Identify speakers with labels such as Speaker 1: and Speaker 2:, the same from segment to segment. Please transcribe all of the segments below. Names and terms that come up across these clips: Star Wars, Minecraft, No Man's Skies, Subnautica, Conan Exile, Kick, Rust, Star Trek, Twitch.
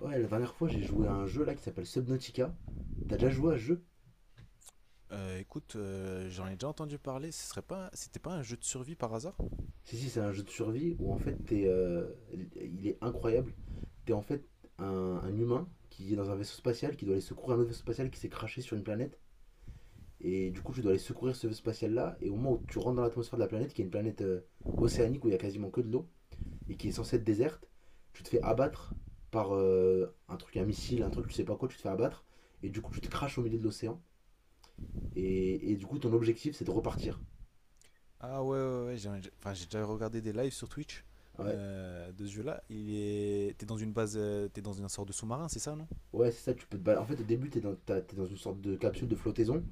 Speaker 1: Ouais, la dernière fois, j'ai joué à un jeu là qui s'appelle Subnautica. T'as déjà joué à ce jeu?
Speaker 2: Écoute, j'en ai déjà entendu parler. Ce serait pas, C'était pas un jeu de survie par hasard?
Speaker 1: Si, si, c'est un jeu de survie où en fait, t'es, il est incroyable. T'es en fait un, un humain qui est dans un vaisseau spatial qui doit aller secourir un autre vaisseau spatial qui s'est craché sur une planète. Et du coup, tu dois aller secourir ce vaisseau spatial là. Et au moment où tu rentres dans l'atmosphère de la planète, qui est une planète océanique où il y a quasiment que de l'eau et qui est censée être déserte, tu te fais abattre par un truc, un missile, un truc, tu sais pas quoi, tu te fais abattre. Et du coup, tu te craches au milieu de l'océan. Et du coup, ton objectif, c'est de repartir.
Speaker 2: Ah ouais, ouais, ouais. J'ai Enfin, j'ai déjà regardé des lives sur Twitch,
Speaker 1: Ouais,
Speaker 2: de ce jeu-là. T'es dans une base, t'es dans une sorte de sous-marin, c'est ça, non?
Speaker 1: ouais, c'est ça, tu peux te balader. En fait, au début, t'es dans une sorte de capsule de flottaison,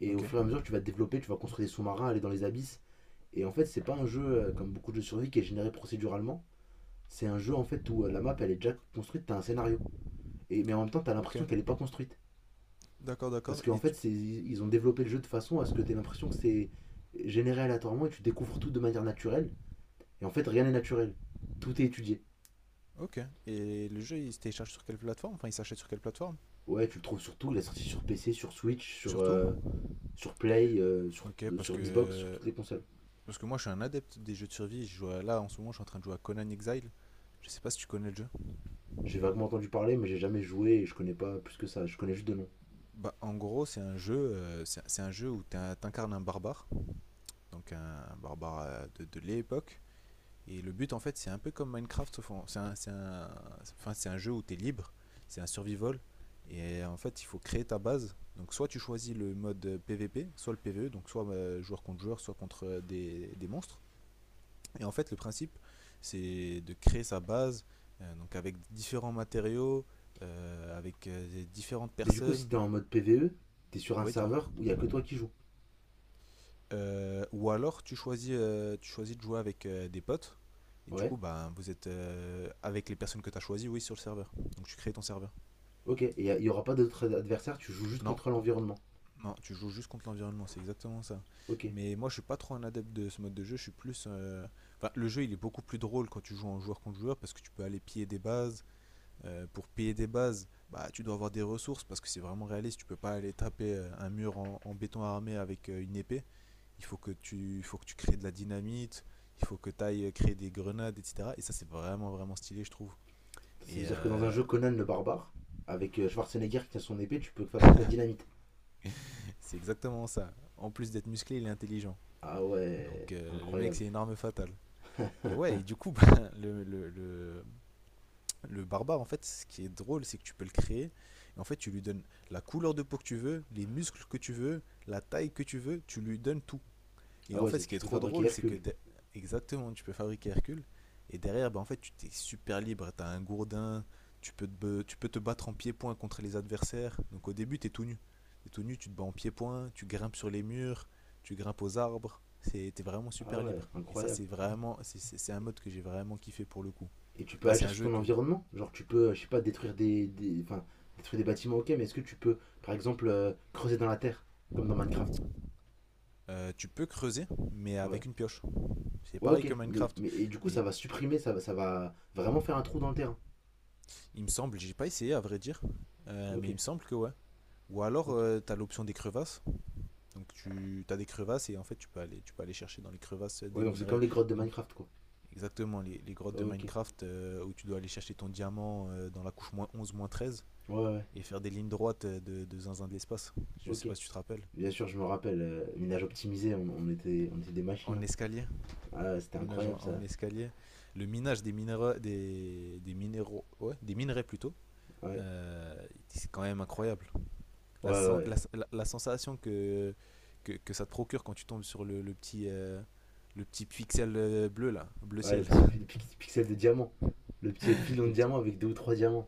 Speaker 1: et au
Speaker 2: Ok,
Speaker 1: fur et à mesure, tu vas te développer, tu vas construire des sous-marins, aller dans les abysses. Et en fait, c'est pas un jeu comme beaucoup de jeux de survie qui est généré procéduralement. C'est un jeu en fait où la map elle est déjà construite, t'as un scénario. Mais en même temps, t'as
Speaker 2: ok.
Speaker 1: l'impression qu'elle est pas construite.
Speaker 2: D'accord,
Speaker 1: Parce
Speaker 2: d'accord.
Speaker 1: qu'en fait, ils ont développé le jeu de façon à ce que t'aies l'impression que c'est généré aléatoirement et tu découvres tout de manière naturelle. Et en fait, rien n'est naturel. Tout est étudié.
Speaker 2: Ok. Et le jeu, il se télécharge sur quelle plateforme? Enfin, il s'achète sur quelle plateforme?
Speaker 1: Ouais, tu le trouves surtout, il est sorti sur PC, sur Switch, sur,
Speaker 2: Surtout?
Speaker 1: euh, sur Play, euh, sur,
Speaker 2: Ok, parce
Speaker 1: sur Xbox, sur
Speaker 2: que
Speaker 1: toutes les consoles.
Speaker 2: parce que moi, je suis un adepte des jeux de survie. Là en ce moment, je suis en train de jouer à Conan Exile. Je sais pas si tu connais le jeu.
Speaker 1: J'ai vaguement entendu parler, mais j'ai jamais joué et je connais pas plus que ça. Je connais juste de nom.
Speaker 2: Bah, en gros, c'est un jeu où t'incarnes un barbare, donc un barbare, de l'époque. Et le but, en fait, c'est un peu comme Minecraft, c'est un, un, enfin, c'est un jeu où tu es libre, c'est un survival. Et en fait, il faut créer ta base. Donc, soit tu choisis le mode, PVP, soit le PVE, donc soit, joueur contre joueur, soit contre, des monstres. Et en fait, le principe, c'est de créer sa base, donc avec différents matériaux, avec différentes
Speaker 1: Mais du coup, si
Speaker 2: personnes.
Speaker 1: t'es en mode PVE, t'es sur un
Speaker 2: Ouais, dis-moi.
Speaker 1: serveur où il y a que toi qui joues.
Speaker 2: Ou alors tu choisis de jouer avec, des potes. Et du
Speaker 1: Ouais.
Speaker 2: coup, bah, vous êtes, avec les personnes que tu as choisies, oui, sur le serveur. Donc tu crées ton serveur.
Speaker 1: Ok. Et il y aura pas d'autres adversaires. Tu joues juste
Speaker 2: Non,
Speaker 1: contre l'environnement.
Speaker 2: non, tu joues juste contre l'environnement, c'est exactement ça.
Speaker 1: Ok.
Speaker 2: Mais moi, je suis pas trop un adepte de ce mode de jeu. Je suis plus. Enfin, le jeu, il est beaucoup plus drôle quand tu joues en joueur contre joueur parce que tu peux aller piller des bases. Pour piller des bases, bah, tu dois avoir des ressources parce que c'est vraiment réaliste. Tu peux pas aller taper, un mur en béton armé avec, une épée. Il faut que tu crées de la dynamite, il faut que tu ailles créer des grenades, etc. Et ça, c'est vraiment, vraiment stylé, je trouve.
Speaker 1: Ça
Speaker 2: Et
Speaker 1: veut dire que dans un
Speaker 2: euh,
Speaker 1: jeu Conan le barbare, avec Schwarzenegger qui a son épée, tu peux fabriquer de la dynamite.
Speaker 2: c'est exactement ça. En plus d'être musclé, il est intelligent.
Speaker 1: Ah ouais,
Speaker 2: Donc, le mec,
Speaker 1: incroyable.
Speaker 2: c'est une arme fatale. Et ouais, et du coup, bah, le barbare, en fait, ce qui est drôle, c'est que tu peux le créer. Et en fait, tu lui donnes la couleur de peau que tu veux, les muscles que tu veux, la taille que tu veux, tu lui donnes tout. Et
Speaker 1: Ah
Speaker 2: en
Speaker 1: ouais,
Speaker 2: fait, ce qui est
Speaker 1: tu peux
Speaker 2: trop
Speaker 1: fabriquer
Speaker 2: drôle, c'est que
Speaker 1: Hercule.
Speaker 2: exactement, tu peux fabriquer Hercule. Et derrière, bah, en fait, tu t'es super libre. T'as un gourdin. Tu peux te battre en pied-point contre les adversaires. Donc au début, t'es tout nu. T'es tout nu, tu te bats en pied-point. Tu grimpes sur les murs. Tu grimpes aux arbres. T'es vraiment
Speaker 1: Ah
Speaker 2: super
Speaker 1: ouais,
Speaker 2: libre. Et ça,
Speaker 1: incroyable.
Speaker 2: c'est vraiment. C'est un mode que j'ai vraiment kiffé pour le coup.
Speaker 1: Et tu peux
Speaker 2: Enfin, c'est
Speaker 1: agir
Speaker 2: un
Speaker 1: sur
Speaker 2: jeu
Speaker 1: ton
Speaker 2: que.
Speaker 1: environnement. Genre, tu peux, je sais pas, détruire enfin, détruire des bâtiments, ok, mais est-ce que tu peux, par exemple, creuser dans la terre, comme dans Minecraft.
Speaker 2: Tu peux creuser, mais
Speaker 1: Ouais.
Speaker 2: avec une pioche. C'est
Speaker 1: Ouais,
Speaker 2: pareil
Speaker 1: ok.
Speaker 2: que
Speaker 1: Mais,
Speaker 2: Minecraft.
Speaker 1: mais et du coup, ça
Speaker 2: Mais
Speaker 1: va supprimer, ça va vraiment faire un trou dans le terrain.
Speaker 2: il me semble, j'ai pas essayé à vrai dire,
Speaker 1: Ok.
Speaker 2: mais il me semble que ouais. Ou alors,
Speaker 1: Ok.
Speaker 2: tu as l'option des crevasses. Donc, tu as des crevasses et en fait, tu peux aller chercher dans les crevasses
Speaker 1: Ouais,
Speaker 2: des
Speaker 1: donc c'est comme
Speaker 2: minerais.
Speaker 1: les grottes de
Speaker 2: des mi-
Speaker 1: Minecraft, quoi.
Speaker 2: Exactement, les grottes de
Speaker 1: Ok.
Speaker 2: Minecraft, où tu dois aller chercher ton diamant, dans la couche -11 -13,
Speaker 1: Ouais, ouais, ouais.
Speaker 2: et faire des lignes droites, de zinzin de l'espace. Je sais
Speaker 1: Ok.
Speaker 2: pas si tu te rappelles.
Speaker 1: Bien sûr, je me rappelle, minage optimisé, on était des machines,
Speaker 2: En
Speaker 1: hein.
Speaker 2: escalier.
Speaker 1: Ah, c'était
Speaker 2: Minage en,
Speaker 1: incroyable,
Speaker 2: en
Speaker 1: ça.
Speaker 2: escalier. Le minage des minéraux. Des minéraux. Ouais, des minerais plutôt.
Speaker 1: Ouais.
Speaker 2: C'est quand même incroyable. La,
Speaker 1: Ouais, ouais.
Speaker 2: sen- la,
Speaker 1: Ouais,
Speaker 2: la- la sensation que ça te procure quand tu tombes sur le petit pixel, bleu là, bleu
Speaker 1: ouais, le
Speaker 2: ciel.
Speaker 1: petit pixel de diamant. Le petit filon de diamant avec deux ou trois diamants.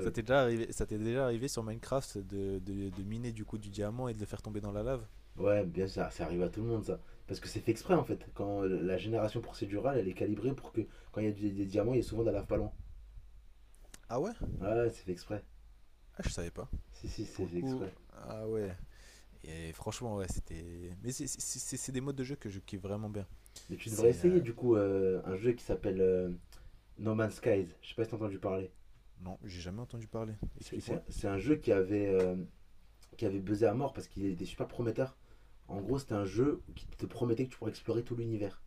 Speaker 2: Ça t'est déjà arrivé, ça t'est déjà arrivé sur Minecraft de miner du coup du diamant et de le faire tomber dans la lave.
Speaker 1: Ouais, bien sûr, ça arrive à tout le monde, ça. Parce que c'est fait exprès, en fait. Quand la génération procédurale, elle est calibrée pour que, quand il y a des diamants, il y a souvent de la lave pas loin.
Speaker 2: Ah ouais?
Speaker 1: Ouais, ouais, c'est fait exprès.
Speaker 2: Ah, je savais pas.
Speaker 1: Si, si,
Speaker 2: Pour
Speaker 1: c'est
Speaker 2: le
Speaker 1: fait
Speaker 2: coup,
Speaker 1: exprès.
Speaker 2: ah ouais. Et franchement, ouais, c'était. Mais c'est des modes de jeu que je kiffe vraiment bien.
Speaker 1: Mais tu devrais
Speaker 2: C'est.
Speaker 1: essayer du coup un jeu qui s'appelle No Man's Skies. Je sais pas si t'as entendu parler.
Speaker 2: Non, j'ai jamais entendu parler.
Speaker 1: C'est
Speaker 2: Explique-moi.
Speaker 1: c'est- c'est un jeu qui avait buzzé à mort parce qu'il était super prometteur. En gros, c'était un jeu qui te promettait que tu pourrais explorer tout l'univers.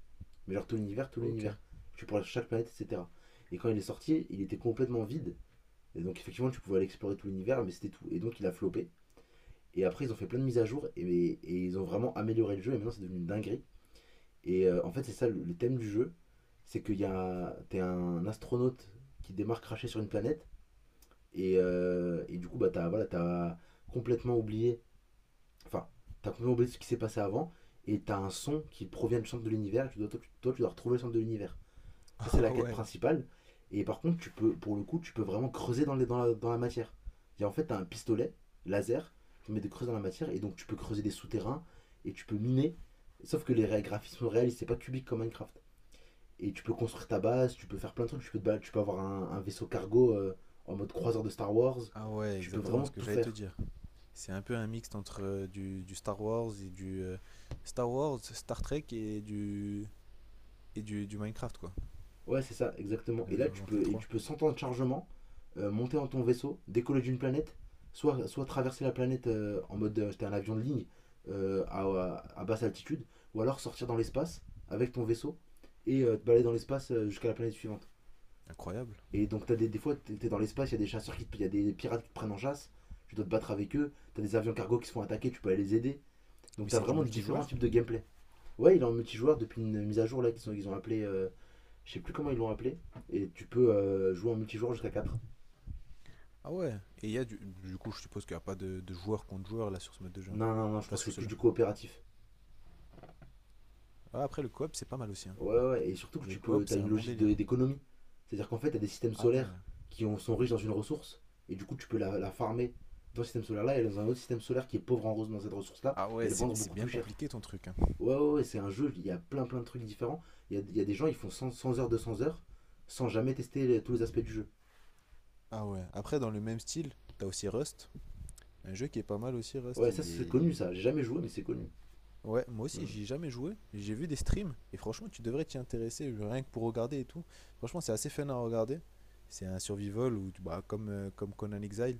Speaker 1: Mais genre tout l'univers, tout
Speaker 2: Ok.
Speaker 1: l'univers. Tu pourrais chaque planète, etc. Et quand il est sorti, il était complètement vide. Et donc effectivement, tu pouvais aller explorer tout l'univers, mais c'était tout. Et donc il a floppé. Et après, ils ont fait plein de mises à jour et ils ont vraiment amélioré le jeu. Et maintenant, c'est devenu une dinguerie. Et en fait, c'est ça, le thème du jeu, c'est que t'es un astronaute qui démarre craché sur une planète, et du coup, bah, t'as complètement oublié, enfin, t'as complètement oublié ce qui s'est passé avant, et t'as un son qui provient du centre de l'univers, et tu dois, toi, tu dois retrouver le centre de l'univers. Ça, c'est la
Speaker 2: Ah
Speaker 1: quête
Speaker 2: ouais.
Speaker 1: principale. Et par contre, tu peux, pour le coup, tu peux vraiment creuser dans la matière. Et en fait, t'as un pistolet laser qui met des creuses dans la matière, et donc tu peux creuser des souterrains, et tu peux miner. Sauf que les graphismes réels, c'est pas cubique comme Minecraft. Et tu peux construire ta base, tu peux faire plein de trucs, tu peux, te balader, tu peux avoir un vaisseau cargo, en mode croiseur de Star Wars,
Speaker 2: Ah ouais,
Speaker 1: tu peux
Speaker 2: exactement
Speaker 1: vraiment
Speaker 2: ce que
Speaker 1: tout
Speaker 2: j'allais te
Speaker 1: faire.
Speaker 2: dire. C'est un peu un mixte entre, du Star Wars et du Star Wars, Star Trek et du et du Minecraft quoi.
Speaker 1: Ouais, c'est ça, exactement.
Speaker 2: Un
Speaker 1: Et là,
Speaker 2: mélange
Speaker 1: tu
Speaker 2: entre les
Speaker 1: peux, et
Speaker 2: trois.
Speaker 1: tu peux sans temps de chargement monter dans ton vaisseau, décoller d'une planète, soit traverser la planète en mode t'es un avion de ligne à basse altitude, ou alors sortir dans l'espace avec ton vaisseau et te balader dans l'espace jusqu'à la planète suivante.
Speaker 2: Incroyable.
Speaker 1: Et donc, t'as des fois, t'es dans l'espace, il y a des chasseurs y a des pirates qui te prennent en chasse, tu dois te battre avec eux, t'as des avions cargo qui se font attaquer, tu peux aller les aider. Donc,
Speaker 2: Mais
Speaker 1: t'as
Speaker 2: c'est du
Speaker 1: vraiment différents
Speaker 2: multijoueur?
Speaker 1: types de gameplay. Ouais, il est en multijoueur depuis une mise à jour là, ils ont appelé. Je sais plus comment ils l'ont appelé. Et tu peux jouer en multijoueur jusqu'à quatre.
Speaker 2: Ah ouais. Et il y a du coup, je suppose qu'il n'y a pas de joueur contre joueur là sur ce mode de jeu.
Speaker 1: Non, non, non, je
Speaker 2: Enfin,
Speaker 1: crois que
Speaker 2: sur
Speaker 1: c'est
Speaker 2: ce
Speaker 1: que
Speaker 2: jeu.
Speaker 1: du coopératif.
Speaker 2: Ah, après le coop c'est pas mal aussi. Hein.
Speaker 1: Ouais, ouais, et surtout que
Speaker 2: Le coop
Speaker 1: t'as
Speaker 2: c'est
Speaker 1: une
Speaker 2: un bon
Speaker 1: logique
Speaker 2: délire.
Speaker 1: d'économie. C'est-à-dire qu'en fait, t'as des systèmes
Speaker 2: Ah ouais.
Speaker 1: solaires qui sont riches dans une ressource, et du coup, tu peux la farmer dans ce système solaire-là et dans un autre système solaire qui est pauvre en rose dans cette ressource-là,
Speaker 2: Ah
Speaker 1: et
Speaker 2: ouais,
Speaker 1: le
Speaker 2: c'est
Speaker 1: vendre
Speaker 2: c'est
Speaker 1: beaucoup
Speaker 2: bien
Speaker 1: plus cher.
Speaker 2: compliqué ton truc. Hein.
Speaker 1: Ouais, ouais, ouais, c'est un jeu, il y a plein plein de trucs différents. Il y a des gens, ils font 100 100 heures, 200 heures, sans jamais tester tous les aspects du jeu.
Speaker 2: Ah ouais. Après dans le même style. T'as aussi Rust, un jeu qui est pas mal aussi.
Speaker 1: Ouais,
Speaker 2: Rust,
Speaker 1: ça
Speaker 2: il
Speaker 1: c'est connu
Speaker 2: est,
Speaker 1: ça, j'ai jamais joué, mais c'est connu.
Speaker 2: Ouais, moi aussi,
Speaker 1: Mm.
Speaker 2: j'y ai jamais joué. J'ai vu des streams et franchement, tu devrais t'y intéresser rien que pour regarder et tout. Franchement, c'est assez fun à regarder. C'est un survival où, bah, comme Conan Exile,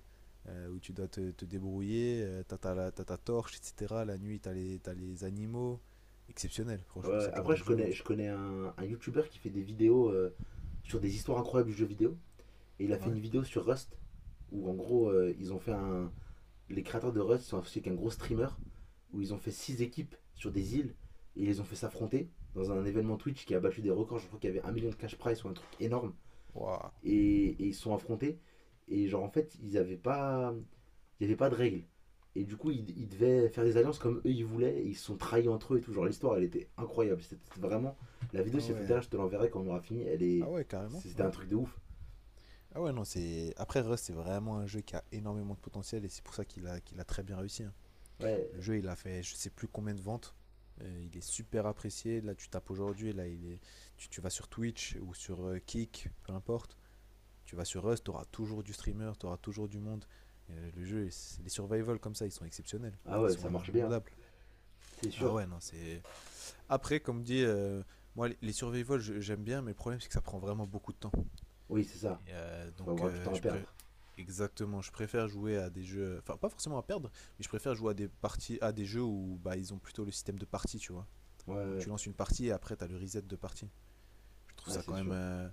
Speaker 2: où tu dois te débrouiller, t'as ta torche, etc. La nuit, t'as les animaux. Exceptionnel, franchement,
Speaker 1: Ouais,
Speaker 2: c'est le genre
Speaker 1: après,
Speaker 2: de
Speaker 1: je
Speaker 2: jeu où
Speaker 1: connais,
Speaker 2: tu.
Speaker 1: je connais un YouTuber qui fait des vidéos sur des histoires incroyables du jeu vidéo, et il a fait
Speaker 2: Ouais.
Speaker 1: une vidéo sur Rust, où en gros, ils ont fait un. Les créateurs de Rust sont associés avec un gros streamer, où ils ont fait 6 équipes sur des îles, et ils les ont fait s'affronter dans un événement Twitch qui a battu des records, je crois qu'il y avait un million de cash prize ou un truc énorme.
Speaker 2: Waouh.
Speaker 1: Et ils se sont affrontés. Et genre, en fait, ils avaient pas. Il n'y avait pas de règles. Et du coup, ils devaient faire des alliances comme eux ils voulaient. Et ils se sont trahis entre eux et tout. Genre, l'histoire, elle était incroyable. C'était vraiment. La vidéo,
Speaker 2: Ah
Speaker 1: si ça
Speaker 2: ouais.
Speaker 1: t'intéresse, je te l'enverrai quand on aura fini. Elle
Speaker 2: Ah
Speaker 1: est.
Speaker 2: ouais, carrément,
Speaker 1: C'était
Speaker 2: ouais.
Speaker 1: un truc de ouf.
Speaker 2: Ah ouais, non, c'est. Après, Rust, c'est vraiment un jeu qui a énormément de potentiel et c'est pour ça qu'il a, très bien réussi. Hein.
Speaker 1: Ouais.
Speaker 2: Le jeu, il a fait je sais plus combien de ventes. Il est super apprécié. Là, tu tapes aujourd'hui, là, il est… Tu vas sur Twitch ou sur, Kick, peu importe. Tu vas sur Rust, tu auras toujours du streamer, tu auras toujours du monde. Le jeu, les survival comme ça, ils sont exceptionnels.
Speaker 1: Ah
Speaker 2: Ils
Speaker 1: ouais,
Speaker 2: sont
Speaker 1: ça marche bien.
Speaker 2: indémodables.
Speaker 1: C'est
Speaker 2: Ah
Speaker 1: sûr.
Speaker 2: ouais, non, c'est. Après, comme dit, moi, survival, j'aime bien, mais le problème, c'est que ça prend vraiment beaucoup de temps.
Speaker 1: Oui, c'est ça.
Speaker 2: Et,
Speaker 1: Faut
Speaker 2: donc,
Speaker 1: avoir du temps à perdre.
Speaker 2: exactement, je préfère jouer à des jeux, enfin pas forcément à perdre, mais je préfère jouer à des parties, à des jeux où bah ils ont plutôt le système de partie, tu vois.
Speaker 1: Ouais, ouais,
Speaker 2: Donc
Speaker 1: ouais.
Speaker 2: tu lances une partie et après t'as le reset de partie. Je trouve
Speaker 1: Ah,
Speaker 2: ça
Speaker 1: c'est
Speaker 2: quand même,
Speaker 1: sûr.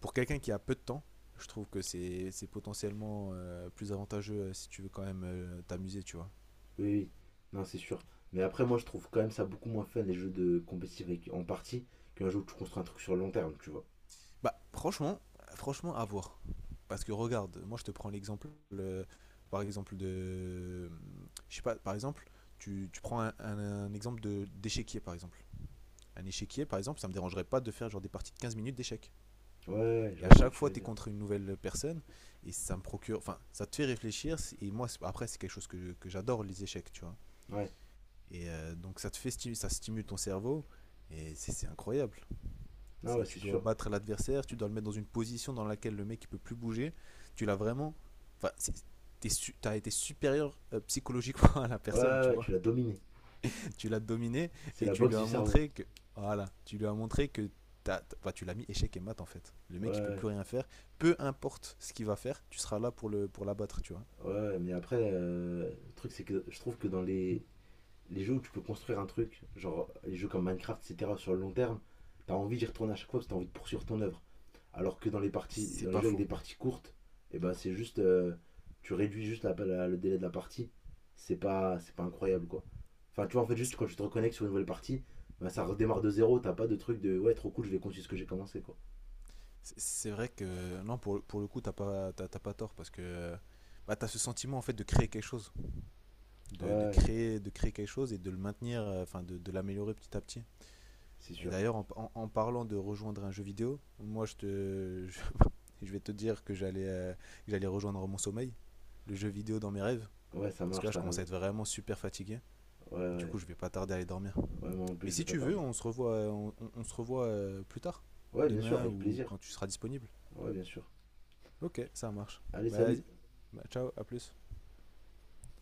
Speaker 2: pour quelqu'un qui a peu de temps, je trouve que c'est potentiellement, plus avantageux, si tu veux quand même, t'amuser, tu vois.
Speaker 1: Oui, oui. Non, c'est sûr. Mais après, moi, je trouve quand même ça beaucoup moins fun, les jeux de compétitif en partie, qu'un jeu où tu construis un truc sur le long terme, tu vois.
Speaker 2: Bah franchement, franchement à voir. Parce que regarde, moi je te prends l'exemple, par exemple de, je sais pas, par exemple, tu prends un exemple de d'échiquier par exemple. Un échiquier par exemple, ça me dérangerait pas de faire genre des parties de 15 minutes d'échecs.
Speaker 1: Ouais, ouais, ouais, je
Speaker 2: Et à
Speaker 1: vois ce que
Speaker 2: chaque
Speaker 1: tu
Speaker 2: fois,
Speaker 1: veux
Speaker 2: tu es
Speaker 1: dire.
Speaker 2: contre une nouvelle personne et ça me procure, enfin, ça te fait réfléchir. Et moi, après, c'est quelque chose que j'adore les échecs, tu vois.
Speaker 1: Ouais,
Speaker 2: Et donc ça te fait stimuler, ça stimule ton cerveau et c'est incroyable.
Speaker 1: ah ouais,
Speaker 2: C'est,
Speaker 1: c'est
Speaker 2: tu dois
Speaker 1: sûr.
Speaker 2: battre l'adversaire, tu dois le mettre dans une position dans laquelle le mec il peut plus bouger. Tu l'as vraiment, enfin, t'es t'as été supérieur, psychologiquement à la
Speaker 1: Ouais,
Speaker 2: personne,
Speaker 1: ouais,
Speaker 2: tu
Speaker 1: ouais,
Speaker 2: vois.
Speaker 1: tu l'as dominé.
Speaker 2: Tu l'as dominé
Speaker 1: C'est
Speaker 2: et
Speaker 1: la
Speaker 2: tu lui
Speaker 1: boxe du
Speaker 2: as
Speaker 1: cerveau.
Speaker 2: montré que, voilà, tu lui as montré que enfin, tu l'as mis échec et mat en fait. Le
Speaker 1: Ouais,
Speaker 2: mec il peut
Speaker 1: ouais.
Speaker 2: plus rien faire, peu importe ce qu'il va faire, tu seras là pour le pour l'abattre, tu vois.
Speaker 1: Ouais, mais après, le truc, c'est que je trouve que dans les jeux où tu peux construire un truc, genre les jeux comme Minecraft, etc., sur le long terme, t'as envie d'y retourner à chaque fois parce que t'as envie de poursuivre ton œuvre. Alors que dans les parties,
Speaker 2: C'est
Speaker 1: dans les
Speaker 2: pas
Speaker 1: jeux avec
Speaker 2: faux.
Speaker 1: des parties courtes, et ben c'est juste, tu réduis juste le délai de la partie. C'est pas incroyable quoi. Enfin, tu vois, en fait, juste
Speaker 2: C'est-
Speaker 1: quand tu te reconnectes sur une nouvelle partie, ben, ça redémarre de zéro. T'as pas de truc de ouais, trop cool, je vais continuer ce que j'ai commencé quoi.
Speaker 2: C'est vrai que non, pour pour le coup t'as pas tort parce que bah, t'as ce sentiment en fait de créer quelque chose,
Speaker 1: Ouais,
Speaker 2: de
Speaker 1: ouais,
Speaker 2: créer, de créer quelque chose et de le maintenir, enfin de l'améliorer petit à petit.
Speaker 1: c'est
Speaker 2: Et
Speaker 1: sûr.
Speaker 2: d'ailleurs, en, en parlant de rejoindre un jeu vidéo, moi vais te dire que j'allais, rejoindre mon sommeil, le jeu vidéo dans mes rêves,
Speaker 1: Ouais, ça
Speaker 2: parce que
Speaker 1: marche,
Speaker 2: là je
Speaker 1: t'as
Speaker 2: commence à
Speaker 1: raison.
Speaker 2: être vraiment super fatigué.
Speaker 1: Ouais,
Speaker 2: Du
Speaker 1: ouais.
Speaker 2: coup, je vais pas tarder à aller dormir.
Speaker 1: Ouais, moi en
Speaker 2: Mais
Speaker 1: plus, je vais
Speaker 2: si
Speaker 1: pas
Speaker 2: tu veux,
Speaker 1: tarder.
Speaker 2: on se revoit, plus tard,
Speaker 1: Ouais, bien sûr,
Speaker 2: demain
Speaker 1: avec
Speaker 2: ou
Speaker 1: plaisir.
Speaker 2: quand tu seras disponible.
Speaker 1: Ouais, bien sûr.
Speaker 2: Ok, ça marche.
Speaker 1: Allez,
Speaker 2: Bah, vas-y.
Speaker 1: salut.
Speaker 2: Bah, ciao, à plus.